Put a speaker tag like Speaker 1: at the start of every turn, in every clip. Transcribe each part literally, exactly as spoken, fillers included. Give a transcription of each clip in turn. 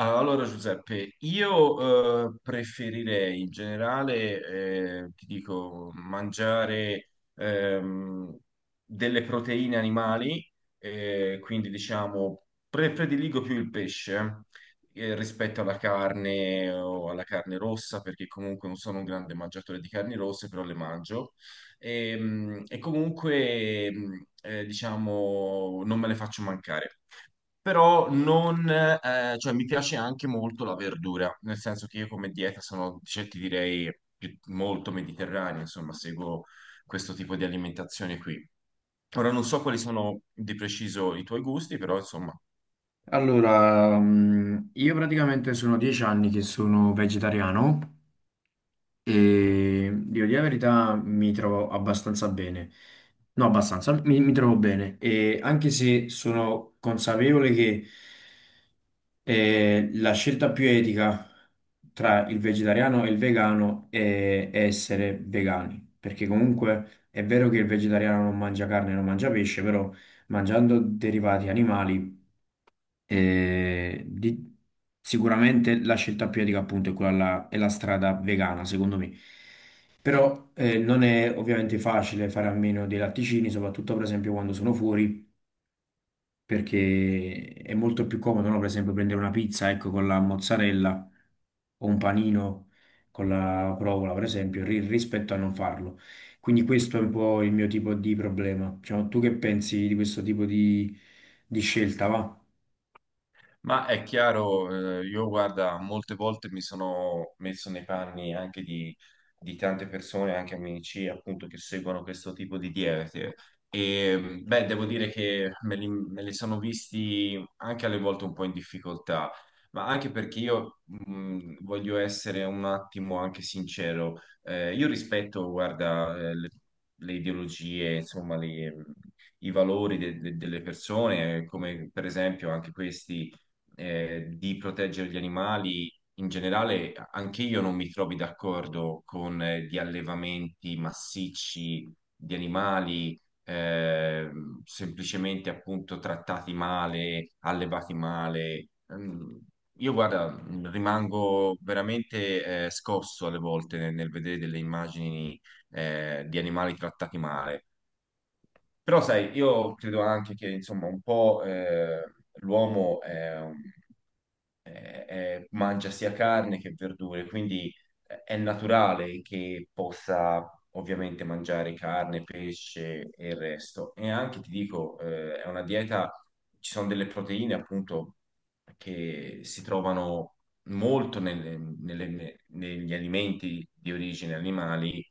Speaker 1: Allora Giuseppe, io eh, preferirei in generale, eh, ti dico, mangiare ehm, delle proteine animali, eh, quindi diciamo pre- prediligo più il pesce eh, rispetto alla carne o alla carne rossa, perché comunque non sono un grande mangiatore di carni rosse, però le mangio. Ehm, E, comunque, ehm, eh, diciamo, non me le faccio mancare però non, eh, cioè mi piace anche molto la verdura, nel senso che io come dieta sono, cioè, ti direi, più- molto mediterranea, insomma, seguo questo tipo di alimentazione qui. Ora non so quali sono di preciso i tuoi gusti, però insomma,
Speaker 2: Allora, mh, io praticamente sono dieci anni che sono vegetariano e devo dire la verità mi trovo abbastanza bene. No, abbastanza, mi, mi trovo bene. E anche se sono consapevole che eh, la scelta più etica tra il vegetariano e il vegano è, è essere vegani, perché comunque è vero che il vegetariano non mangia carne, non mangia pesce, però mangiando derivati animali eh, di- sicuramente la scelta più etica appunto è quella là- è la strada vegana, secondo me. Però eh, non è ovviamente facile fare a meno dei latticini, soprattutto per esempio quando sono fuori, perché è molto più comodo, no? Per esempio prendere una pizza, ecco, con la mozzarella o un panino con la provola, per esempio, ri- rispetto a non farlo. Quindi questo è un po' il mio tipo di problema. Diciamo, tu che pensi di questo tipo di, di scelta, va?
Speaker 1: ma è chiaro, eh, io guarda, molte volte mi sono messo nei panni anche di, di tante persone, anche amici, appunto, che seguono questo tipo di diete. E beh, devo dire che me li, me li sono visti anche alle volte un po' in difficoltà, ma anche perché io mh, voglio essere un attimo anche sincero. Eh, io rispetto, guarda, eh, le, le ideologie, insomma, le- i valori de- de- delle persone, come per esempio anche questi eh, di proteggere gli animali, in generale, anche io non mi trovi d'accordo con eh, gli allevamenti massicci di animali, eh, semplicemente appunto trattati male, allevati male. Mm, Io guarda, rimango veramente eh, scosso alle volte nel, nel vedere delle immagini eh, di animali trattati male. Però sai, io credo anche che insomma un po' eh, l'uomo è un eh, eh, mangia sia carne che verdure, quindi eh, è naturale che possa ovviamente mangiare carne, pesce e il resto. E anche ti dico, eh, è una dieta, ci sono delle proteine appunto che si trovano molto nelle- nelle- negli alimenti di origine animali.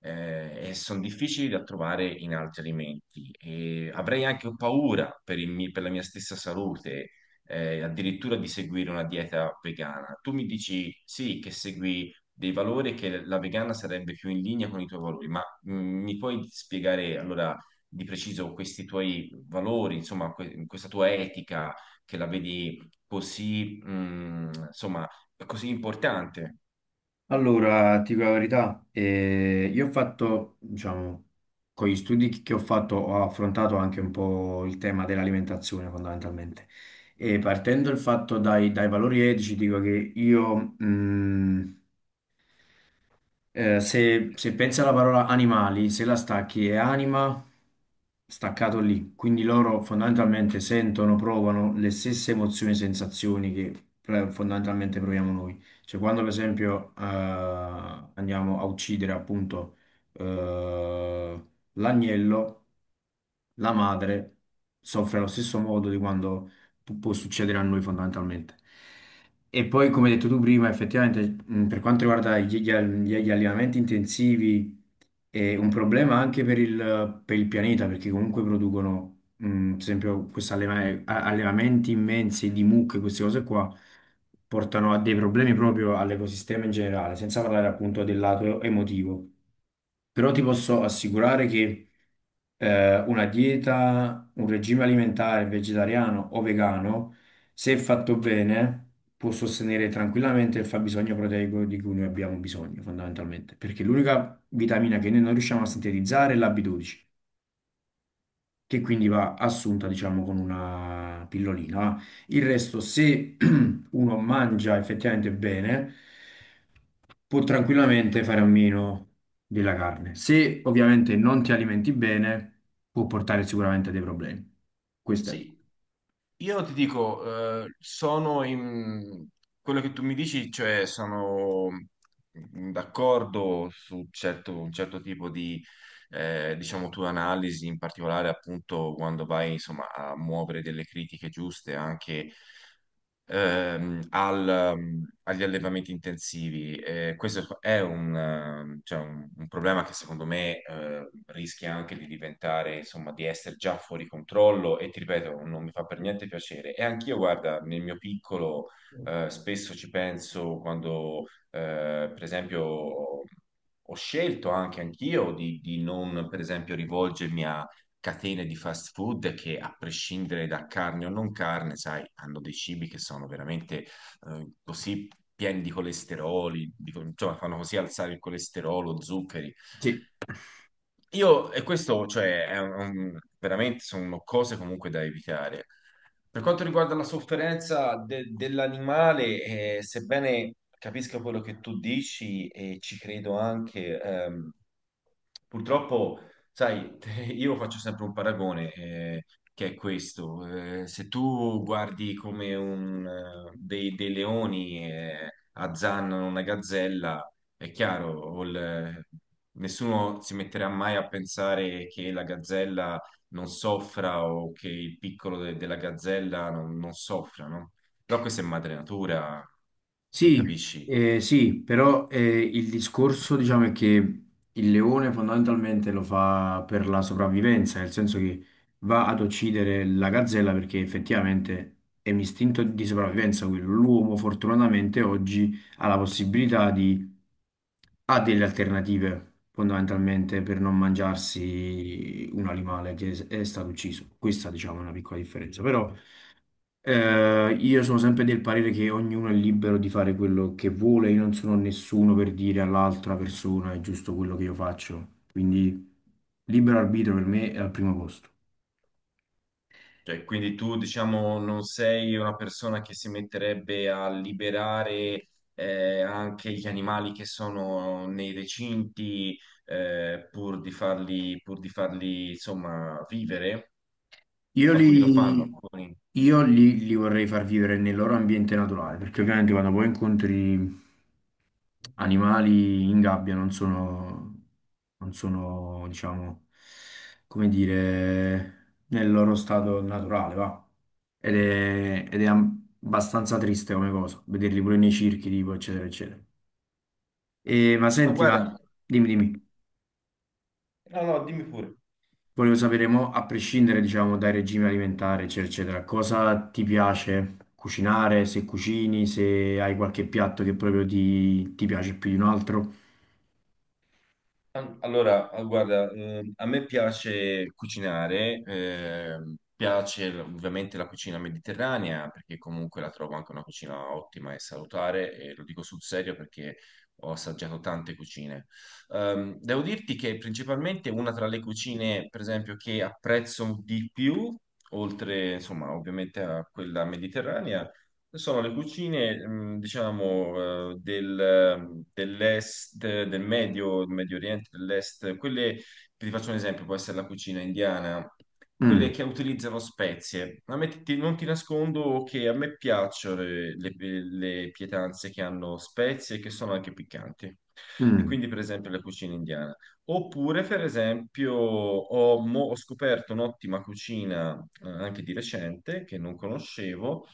Speaker 1: Eh, e sono difficili da trovare in altri alimenti e avrei anche paura per il mi- per la mia stessa salute eh, addirittura di seguire una dieta vegana. Tu mi dici sì, che segui dei valori, che la vegana sarebbe più in linea con i tuoi valori, ma mh, mi puoi spiegare allora di preciso questi tuoi valori, insomma, que- questa tua etica che la vedi così, mh, insomma, così importante?
Speaker 2: Allora, ti dico la verità, eh, io ho fatto, diciamo, con gli studi che ho fatto, ho affrontato anche un po' il tema dell'alimentazione fondamentalmente. E partendo il fatto dai, dai valori etici, dico che io, mh, eh, se, se pensi alla parola animali, se la stacchi è anima, staccato lì. Quindi loro fondamentalmente sentono, provano le stesse emozioni e sensazioni che eh, fondamentalmente proviamo noi. Cioè quando per esempio eh, andiamo a uccidere appunto eh, l'agnello, la madre soffre allo stesso modo di quando pu- può succedere a noi fondamentalmente. E poi, come hai detto tu prima, effettivamente, mh, per quanto riguarda gli, gli al- gli- gli allevamenti intensivi, è un problema anche per il, per il pianeta, perché comunque producono, mh, ad esempio, questi alleva- a- allevamenti immensi di mucche, queste cose qua, portano a dei problemi proprio all'ecosistema in generale, senza parlare appunto del lato emotivo però ti posso assicurare che eh, una dieta, un regime alimentare vegetariano o vegano, se fatto bene, può sostenere tranquillamente il fabbisogno proteico di cui noi abbiamo bisogno, fondamentalmente, perché l'unica vitamina che noi non riusciamo a sintetizzare è la B dodici che quindi va assunta, diciamo, con una pillolina. Il resto, se uno mangia effettivamente bene, può tranquillamente fare a meno della carne. Se ovviamente non ti alimenti bene, può portare sicuramente a dei problemi. Questo è.
Speaker 1: Sì, io ti dico, eh, sono in quello che tu mi dici, cioè sono d'accordo su certo- un certo tipo di, eh, diciamo, tua analisi, in particolare appunto quando vai, insomma, a muovere delle critiche giuste anche ehm, al, mm, agli allevamenti intensivi. Eh, questo è un, ehm, cioè un- un problema che secondo me eh, rischia anche di diventare, insomma, di essere già fuori controllo e ti ripeto, non mi fa per niente piacere. E anch'io, guarda, nel mio piccolo eh, spesso ci penso quando, eh, per esempio, ho scelto anche anch'io di, di non, per esempio, rivolgermi catene di fast food che, a prescindere da carne o non carne, sai, hanno dei cibi che sono veramente eh, così pieni di colesteroli, di co- insomma, fanno così alzare il colesterolo, zuccheri.
Speaker 2: Sì.
Speaker 1: Io, e questo, cioè, è un- veramente sono cose comunque da evitare. Per quanto riguarda la sofferenza de- dell'animale, eh, sebbene capisca quello che tu dici e ci credo anche, ehm, purtroppo, sai, io faccio sempre un paragone, eh, che è questo. Eh, se tu guardi come un, eh, dei, dei leoni, eh, azzannano una gazzella, è chiaro, o il- nessuno si metterà mai a pensare che la gazzella non soffra o che il piccolo de- della gazzella non, non soffra, no? Però questa è madre natura, mi
Speaker 2: Sì,
Speaker 1: capisci?
Speaker 2: eh, sì, però eh, il discorso diciamo è che il leone fondamentalmente lo fa per la sopravvivenza, nel senso che va ad uccidere la gazzella perché effettivamente è un istinto di sopravvivenza quello. L'uomo fortunatamente oggi ha la possibilità di, ha delle alternative fondamentalmente per non mangiarsi un animale che è stato ucciso. Questa diciamo è una piccola differenza, però... Eh, io sono sempre del parere che ognuno è libero di fare quello che vuole, io non sono nessuno per dire all'altra persona è giusto quello che io faccio, quindi libero arbitrio per me è al primo posto.
Speaker 1: Cioè, quindi tu, diciamo, non sei una persona che si metterebbe a liberare eh, anche gli animali che sono nei recinti eh, pur di farli, pur di farli, insomma, vivere?
Speaker 2: Io li,
Speaker 1: Alcuni lo fanno, alcuni.
Speaker 2: io li, li vorrei far vivere nel loro ambiente naturale, perché ovviamente quando poi incontri animali in gabbia non sono, non sono, diciamo, come dire, nel loro stato naturale, va. Ed è, ed è am- abbastanza triste come cosa, vederli pure nei circhi, tipo, eccetera, eccetera. E, ma
Speaker 1: Ma
Speaker 2: senti, ma
Speaker 1: guarda,
Speaker 2: dimmi, dimmi.
Speaker 1: no, no, dimmi pure.
Speaker 2: Volevo sapere, mo, a prescindere, diciamo, dai regimi alimentari, eccetera, eccetera, cosa ti piace cucinare, se cucini, se hai qualche piatto che proprio ti, ti piace più di un altro?
Speaker 1: Allora, eh, guarda, ehm, a me piace cucinare, ehm, piace l- ovviamente la cucina mediterranea perché comunque la trovo anche una cucina ottima e salutare e lo dico sul serio perché ho assaggiato tante cucine. Ehm, devo dirti che principalmente una tra le cucine, per esempio, che apprezzo di più, oltre insomma ovviamente a quella mediterranea, sono le cucine, mh, diciamo, eh, del- dell'est, del Medio, del Medio Oriente, dell'est, quelle, ti faccio un esempio, può essere la cucina indiana, quelle
Speaker 2: Mm,
Speaker 1: che utilizzano spezie. A me ti- non ti nascondo che a me piacciono le, le- le pietanze che hanno spezie e che sono anche piccanti. E
Speaker 2: mm,
Speaker 1: quindi, per esempio, la cucina indiana. Oppure, per esempio, ho, mo- ho scoperto un'ottima cucina, eh, anche di recente, che non conoscevo,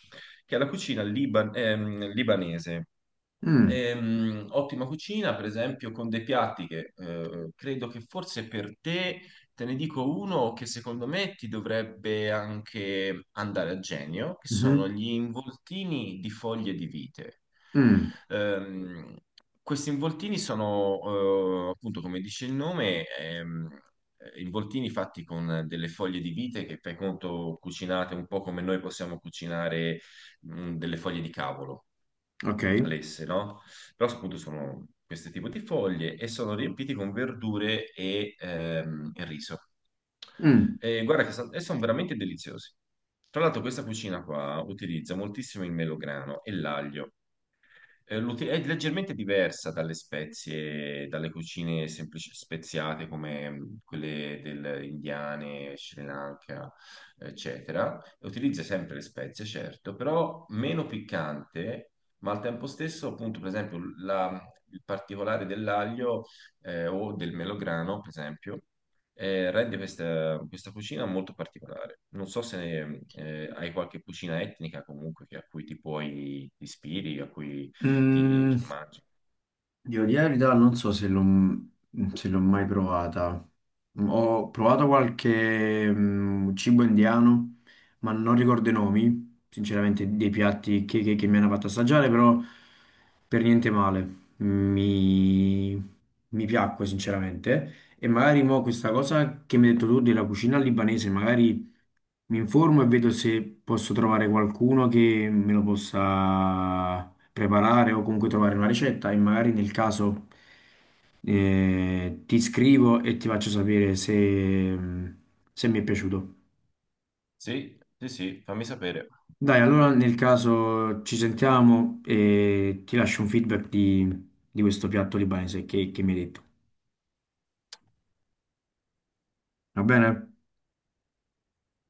Speaker 1: che è la cucina liban- ehm, libanese.
Speaker 2: mm,
Speaker 1: Ehm, ottima cucina, per esempio, con dei piatti che eh, credo che forse per te, te ne dico uno che secondo me ti dovrebbe anche andare a genio, che sono
Speaker 2: mhm,
Speaker 1: gli involtini di foglie di vite.
Speaker 2: mm,
Speaker 1: Ehm, Questi involtini sono, eh, appunto, come dice il nome, ehm, involtini fatti con delle foglie di vite che, per conto, cucinate un po' come noi possiamo cucinare, mm, delle foglie di cavolo
Speaker 2: ok.
Speaker 1: lesse, no? Però appunto sono questo tipo di foglie e sono riempiti con verdure e, ehm, e riso.
Speaker 2: Mm,
Speaker 1: E guarda che sa- e sono veramente deliziosi. Tra l'altro questa cucina qua utilizza moltissimo il melograno e l'aglio. Eh, l'uti- È leggermente diversa dalle spezie, dalle cucine semplici speziate come mh, quelle del indiane, Sri Lanka, eccetera. Utilizza sempre le spezie, certo, però meno piccante, ma al tempo stesso, appunto, per esempio, la- il particolare dell'aglio eh, o del melograno, per esempio, eh, rende questa, questa cucina molto particolare. Non so se mm, eh, hai qualche cucina etnica comunque che- a cui ti puoi ti ispiri, a cui ti,
Speaker 2: mm.
Speaker 1: ti mangi.
Speaker 2: Devo dire la verità, non so se l'ho se l'ho mai provata. Ho provato qualche mm, cibo indiano, ma non ricordo i nomi, sinceramente, dei piatti che, che- che mi hanno fatto assaggiare, però per niente male. Mi, mi piacque, sinceramente. E magari mo questa cosa che mi hai detto tu della cucina libanese, magari mi informo e vedo se posso trovare qualcuno che me lo possa preparare o comunque trovare una ricetta e magari nel caso eh, ti scrivo e ti faccio sapere se, se mi è piaciuto.
Speaker 1: Sì, sì, sì, fammi sapere.
Speaker 2: Dai, allora nel caso ci sentiamo e ti lascio un feedback di, di questo piatto libanese che, che mi hai detto. Va bene?